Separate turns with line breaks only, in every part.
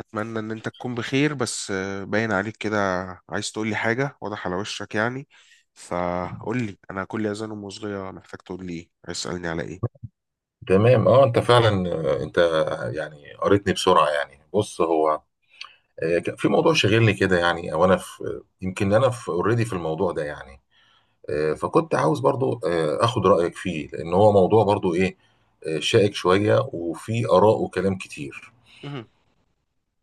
اتمنى ان انت تكون بخير بس باين عليك كده. عايز تقول لي حاجه واضح على وشك يعني. فقول لي انا كل اذان ام صغيره محتاج تقول لي ايه، عايز تسالني على ايه.
تمام. اه انت فعلا. انت، يعني، قريتني بسرعه. يعني بص، هو كان في موضوع شاغلني كده، يعني. او انا في يمكن انا في اوريدي في الموضوع ده، يعني. فكنت عاوز برضو اخد رايك فيه، لان هو موضوع برضو ايه، شائك شويه، وفي اراء وكلام كتير.
مهم.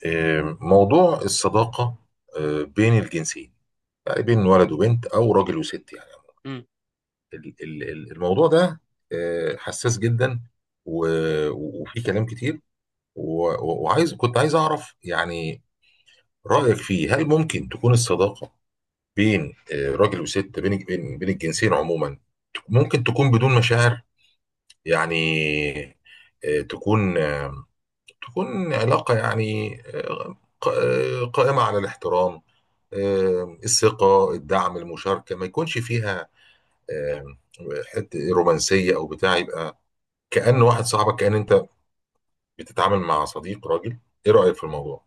موضوع الصداقه بين الجنسين، يعني بين ولد وبنت او راجل وست يعني.
مم.
الموضوع ده حساس جدا، وفيه كلام كتير. و- و- وعايز كنت عايز اعرف يعني رايك فيه. هل ممكن تكون الصداقه بين راجل وست، بين الجنسين عموما، ممكن تكون بدون مشاعر؟ يعني تكون علاقه، يعني قائمه على الاحترام، الثقه، الدعم، المشاركه، ما يكونش فيها آه، حته رومانسيه او بتاع. يبقى كأن واحد صاحبك، كأن انت بتتعامل مع صديق راجل. ايه رايك في الموضوع؟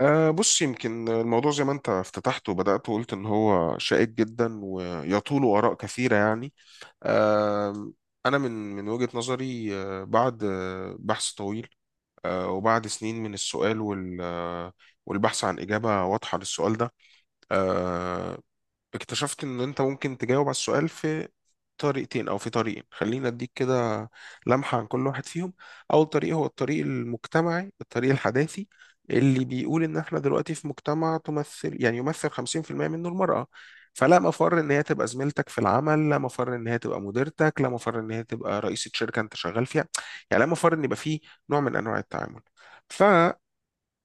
بص، يمكن الموضوع زي ما انت افتتحت وبدأت وقلت ان هو شائك جدا ويطول آراء كثيرة يعني. أه انا من وجهة نظري، بعد بحث طويل، وبعد سنين من السؤال والبحث عن إجابة واضحة للسؤال ده، آه، اكتشفت ان انت ممكن تجاوب على السؤال في طريقتين او في طريقين. خلينا اديك كده لمحة عن كل واحد فيهم. اول طريق هو الطريق المجتمعي، الطريق الحداثي، اللي بيقول ان احنا دلوقتي في مجتمع تمثل يعني يمثل 50% منه المرأة. فلا مفر ان هي تبقى زميلتك في العمل، لا مفر ان هي تبقى مديرتك، لا مفر ان هي تبقى رئيسة شركة انت شغال فيها. يعني لا مفر ان يبقى فيه نوع من انواع التعامل.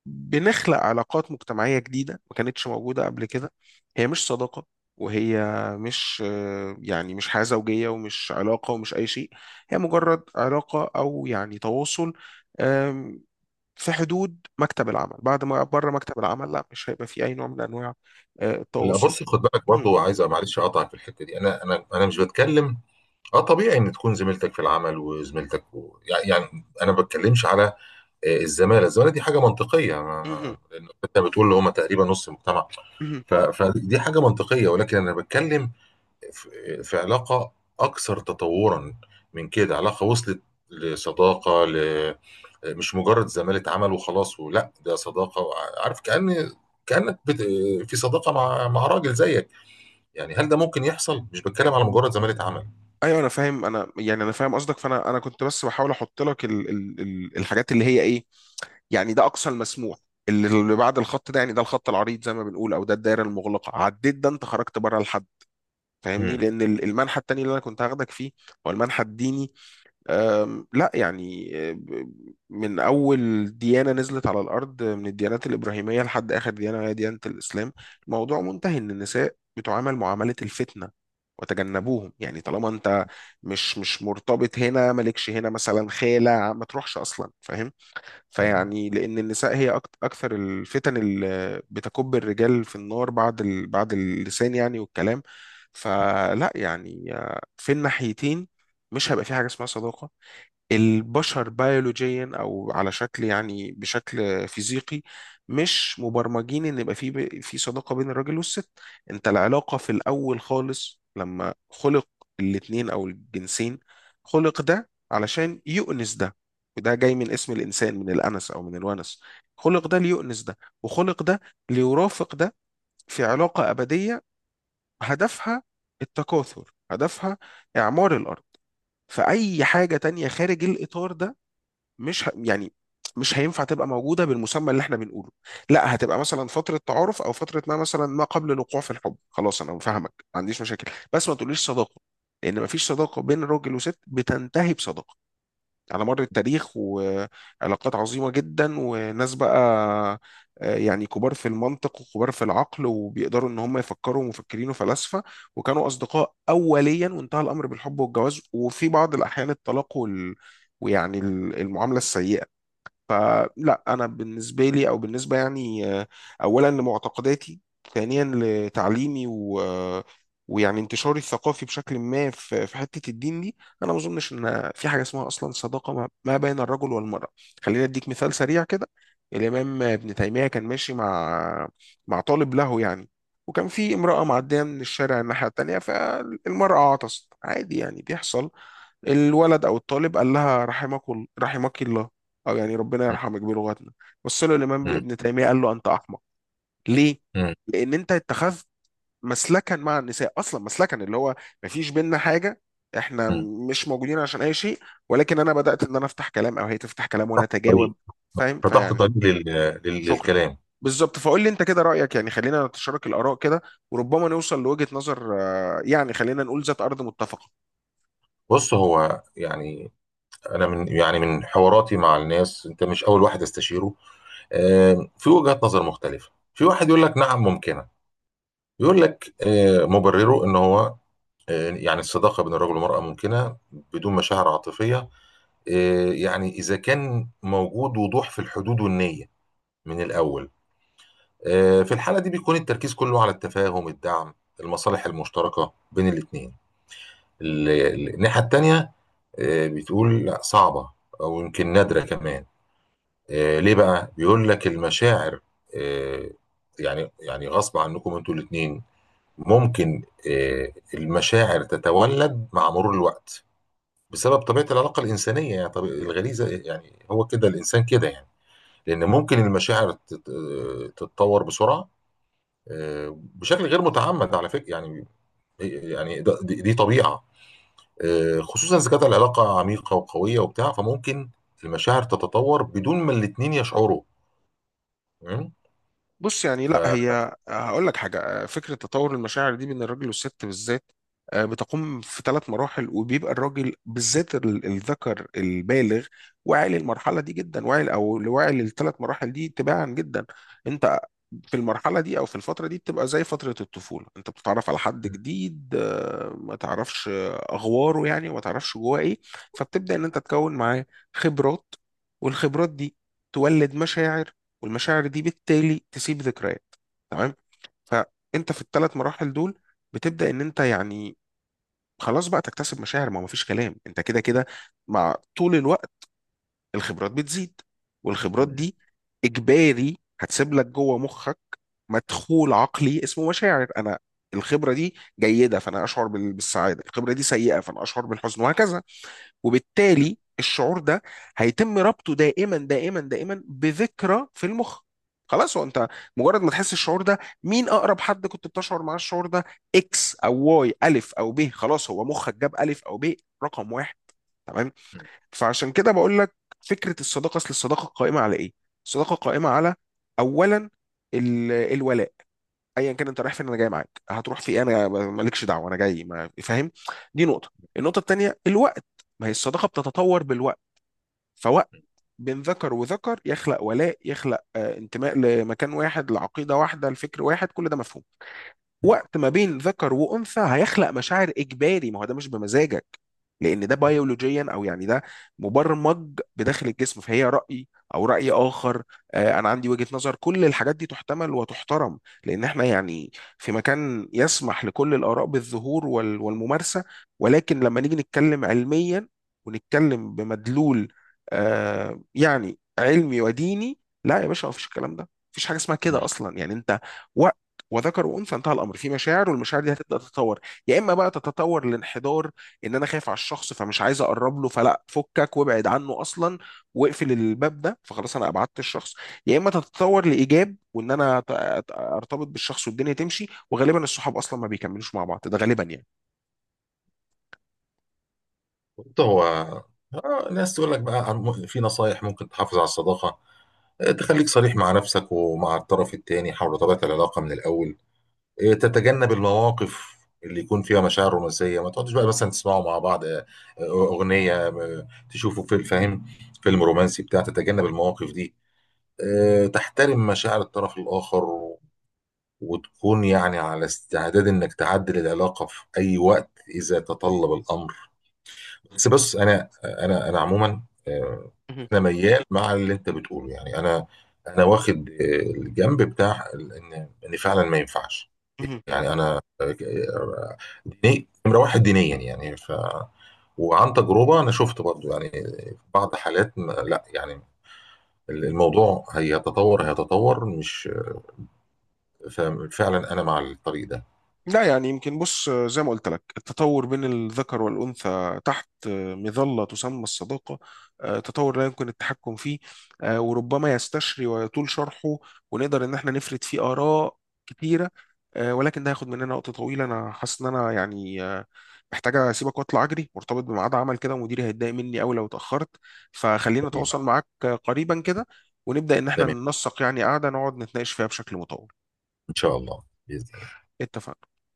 بنخلق علاقات مجتمعية جديدة ما كانتش موجودة قبل كده. هي مش صداقة، وهي مش يعني مش حياة زوجية ومش علاقة ومش أي شيء. هي مجرد علاقة أو يعني تواصل، آم، في حدود مكتب العمل. بعد ما بره مكتب العمل لا، مش هيبقى في أي نوع من أنواع
لا،
التواصل.
بص، خد بالك
مهم.
برضو. عايز، معلش، اقطعك في الحته دي. انا مش بتكلم، اه، طبيعي ان تكون زميلتك في العمل، وزميلتك و... يعني انا ما بتكلمش على الزماله. دي حاجه منطقيه، ما...
مهم.
ما... لان انت بتقول اللي هم تقريبا نص المجتمع.
مهم.
فدي حاجه منطقيه، ولكن انا بتكلم في علاقه اكثر تطورا من كده، علاقه وصلت لصداقه ل... مش مجرد زماله عمل وخلاص، ولا ده صداقه، عارف؟ كأنك بت... في صداقه مع راجل زيك، يعني. هل ده ممكن يحصل؟ مش بتكلم على مجرد زمالة عمل.
ايوه انا فاهم، انا يعني انا فاهم قصدك. فانا كنت بس بحاول احط لك ال الحاجات اللي هي ايه يعني. ده اقصى المسموح، اللي بعد الخط ده، يعني ده الخط العريض زي ما بنقول، او ده الدايره المغلقه. عديت ده انت خرجت بره الحد، فاهمني؟
مم.
لان المنحى التاني اللي انا كنت هاخدك فيه هو المنحى الديني. لا يعني من اول ديانه نزلت على الارض من الديانات الابراهيميه لحد اخر ديانه وهي ديانه الاسلام، الموضوع منتهي ان النساء بتعامل معامله الفتنه وتجنبوهم. يعني طالما انت مش مرتبط هنا، مالكش هنا مثلا خالة، ما تروحش اصلا، فاهم؟ فيعني لأن النساء هي أكثر الفتن اللي بتكب الرجال في النار بعد بعد اللسان يعني والكلام. فلا يعني، في الناحيتين مش هيبقى في حاجة اسمها صداقة. البشر بيولوجيا او على شكل يعني بشكل فيزيقي مش مبرمجين ان يبقى في في صداقه بين الراجل والست. انت العلاقه في الاول خالص لما خلق الاتنين او الجنسين، خلق ده علشان يؤنس ده. وده جاي من اسم الانسان، من الانس او من الونس. خلق ده ليؤنس ده، وخلق ده ليرافق ده، في علاقه ابديه هدفها التكاثر، هدفها اعمار الارض. فاي حاجه تانية خارج الاطار ده مش ه... يعني مش هينفع تبقى موجودة بالمسمى اللي احنا بنقوله. لا، هتبقى مثلا فترة تعارف، او فترة ما مثلا ما قبل الوقوع في الحب. خلاص انا فاهمك، ما عنديش مشاكل، بس ما تقوليش صداقة، لان ما فيش صداقة بين راجل وست بتنتهي بصداقة، على مر التاريخ. وعلاقات عظيمة جدا، وناس بقى يعني كبار في المنطق وكبار في العقل وبيقدروا ان هم يفكروا، ومفكرين وفلاسفة، وكانوا اصدقاء اوليا، وانتهى الامر بالحب والجواز وفي بعض الاحيان الطلاق ويعني المعاملة السيئة. فلا انا بالنسبه لي، او بالنسبه يعني، اولا لمعتقداتي، ثانيا لتعليمي و ويعني انتشاري الثقافي بشكل ما في في حته الدين دي، انا ما اظنش ان في حاجه اسمها اصلا صداقه ما بين الرجل والمراه. خليني اديك مثال سريع كده. الامام ابن تيميه كان ماشي مع مع طالب له يعني، وكان في امراه معديه من الشارع الناحيه التانيه، فالمراه عطست، عادي يعني بيحصل. الولد او الطالب قال لها رحمك، رحمك الله، أو يعني ربنا
مم.
يرحمه يكبر لغتنا. بص له الإمام
مم.
ابن تيمية قال له أنت أحمق. ليه؟
مم.
لأن أنت اتخذت مسلكا مع النساء، أصلا مسلكا اللي هو مفيش بينا حاجة. إحنا
مم.
مش موجودين عشان أي شيء، ولكن أنا بدأت إن أنا أفتح كلام أو هي تفتح كلام وأنا أتجاوب.
طريق
فاهم؟
فتحت
فيعني
طريق
شكرا.
للكلام.
بالظبط. فقول لي أنت كده رأيك، يعني خلينا نتشارك الآراء كده، وربما نوصل لوجهة نظر، يعني خلينا نقول ذات أرض متفقة.
بص، هو يعني انا، من يعني، من حواراتي مع الناس، انت مش اول واحد استشيره. في وجهات نظر مختلفة. في واحد يقول لك نعم ممكنة، يقول لك مبرره ان هو يعني الصداقة بين الرجل والمرأة ممكنة بدون مشاعر عاطفية، يعني اذا كان موجود وضوح في الحدود والنية من الاول. في الحالة دي بيكون التركيز كله على التفاهم، الدعم، المصالح المشتركة بين الاتنين. الناحية التانية بتقول لا، صعبة، أو يمكن نادرة كمان. ليه بقى؟ بيقول لك المشاعر آه، يعني، يعني غصب عنكم انتوا الاتنين، ممكن المشاعر تتولد مع مرور الوقت، بسبب طبيعة العلاقة الإنسانية، يعني طبيعة الغريزة، يعني هو كده الإنسان كده يعني. لأن ممكن المشاعر تتطور بسرعة بشكل غير متعمد، على فكره يعني. يعني دي طبيعه، خصوصا اذا كانت العلاقه عميقه وقويه وبتاع. فممكن المشاعر تتطور بدون ما الاثنين يشعروا. تمام؟
بص يعني
ف
لا، هي هقول لك حاجه، فكره تطور المشاعر دي بين الراجل والست بالذات، بتقوم في ثلاث مراحل. وبيبقى الراجل بالذات الذكر البالغ واعي للمرحله دي جدا، واعي او واعي للثلاث مراحل دي تباعا جدا. انت في المرحله دي او في الفتره دي بتبقى زي فتره الطفوله، انت بتتعرف على حد جديد، ما تعرفش اغواره يعني، وما تعرفش جواه ايه. فبتبدا ان انت تكون معاه خبرات، والخبرات دي تولد مشاعر، والمشاعر دي بالتالي تسيب ذكريات. تمام. فانت في الثلاث مراحل دول بتبدا ان انت يعني خلاص بقى تكتسب مشاعر، ما هو مفيش كلام، انت كده كده مع طول الوقت الخبرات بتزيد، والخبرات دي اجباري هتسيب لك جوه مخك مدخول عقلي اسمه مشاعر. انا الخبره دي جيده فانا اشعر بالسعاده، الخبره دي سيئه فانا اشعر بالحزن، وهكذا. وبالتالي الشعور ده هيتم ربطه دائما دائما دائما بذكرى في المخ. خلاص، هو انت مجرد ما تحس الشعور ده، مين اقرب حد كنت بتشعر معاه الشعور ده؟ اكس او واي، الف او ب. خلاص هو مخك جاب الف او ب رقم واحد. تمام. فعشان كده بقول لك، فكره الصداقه، اصل الصداقه قائمه على ايه؟ الصداقه قائمه على اولا الولاء. ايا كان انت رايح فين انا جاي معاك، هتروح في إيه؟ انا مالكش دعوه، انا جاي، ما فاهم. دي نقطه. النقطه الثانيه، الوقت. ما هي الصداقه بتتطور بالوقت. فوقت بين ذكر وذكر يخلق ولاء، يخلق انتماء لمكان واحد، لعقيده واحده، لفكر واحد، كل ده مفهوم. وقت ما بين ذكر وانثى هيخلق مشاعر اجباري، ما هو ده مش بمزاجك، لان ده بيولوجيا او يعني ده مبرمج بداخل الجسم. فهي راي او راي اخر. انا عندي وجهة نظر، كل الحاجات دي تحتمل وتحترم، لان احنا يعني في مكان يسمح لكل الاراء بالظهور والممارسة. ولكن لما نيجي نتكلم علميا، ونتكلم بمدلول، يعني علمي وديني، لا يا باشا مفيش الكلام ده، مفيش حاجة اسمها كده أصلا. يعني أنت وذكر وانثى انتهى الامر في مشاعر، والمشاعر دي هتبدا تتطور. يا اما بقى تتطور لانحدار، ان انا خايف على الشخص، فمش عايز اقرب له، فلا فكك وابعد عنه اصلا واقفل الباب ده، فخلاص انا ابعدت الشخص. يا اما تتطور لايجاب، وان انا ارتبط بالشخص والدنيا تمشي. وغالبا الصحاب اصلا ما بيكملوش مع بعض، ده غالبا يعني.
بالظبط، هو ناس تقول لك بقى، في نصايح ممكن تحافظ على الصداقه: تخليك صريح مع نفسك ومع الطرف الثاني حول طبيعه العلاقه من الاول. إيه، تتجنب المواقف اللي يكون فيها مشاعر رومانسيه. ما تقعدش بقى مثلا تسمعوا مع بعض اغنيه، تشوفوا فيلم، فاهم، فيلم رومانسي بتاع. تتجنب المواقف دي. تحترم مشاعر الطرف الاخر، وتكون يعني على استعداد انك تعدل العلاقه في اي وقت اذا تطلب الامر. بس، بص، انا عموما آه،
مهم.
انا ميال مع اللي انت بتقوله، يعني. انا انا واخد الجنب بتاع ان فعلا ما ينفعش.
مهم.
يعني انا ديني نمره واحد، دينيا يعني. وعن تجربه، انا شفت برضو، يعني في بعض حالات لا، يعني الموضوع هيتطور، هيتطور مش، ففعلا انا مع الطريق ده.
لا يعني يمكن، بص زي ما قلت لك، التطور بين الذكر والأنثى تحت مظلة تسمى الصداقة تطور لا يمكن التحكم فيه، وربما يستشري ويطول شرحه، ونقدر إن احنا نفرد فيه آراء كتيرة. ولكن ده هياخد مننا وقت طويل. أنا حاسس إن أنا يعني محتاج أسيبك وأطلع أجري، مرتبط بميعاد عمل كده ومديري هيتضايق مني أوي لو اتأخرت. فخلينا
تمام.
أتواصل معاك قريبا كده، ونبدأ إن احنا
تمام،
ننسق يعني قعدة نقعد نتناقش فيها بشكل مطول.
ان شاء الله بإذن.
اتفقنا.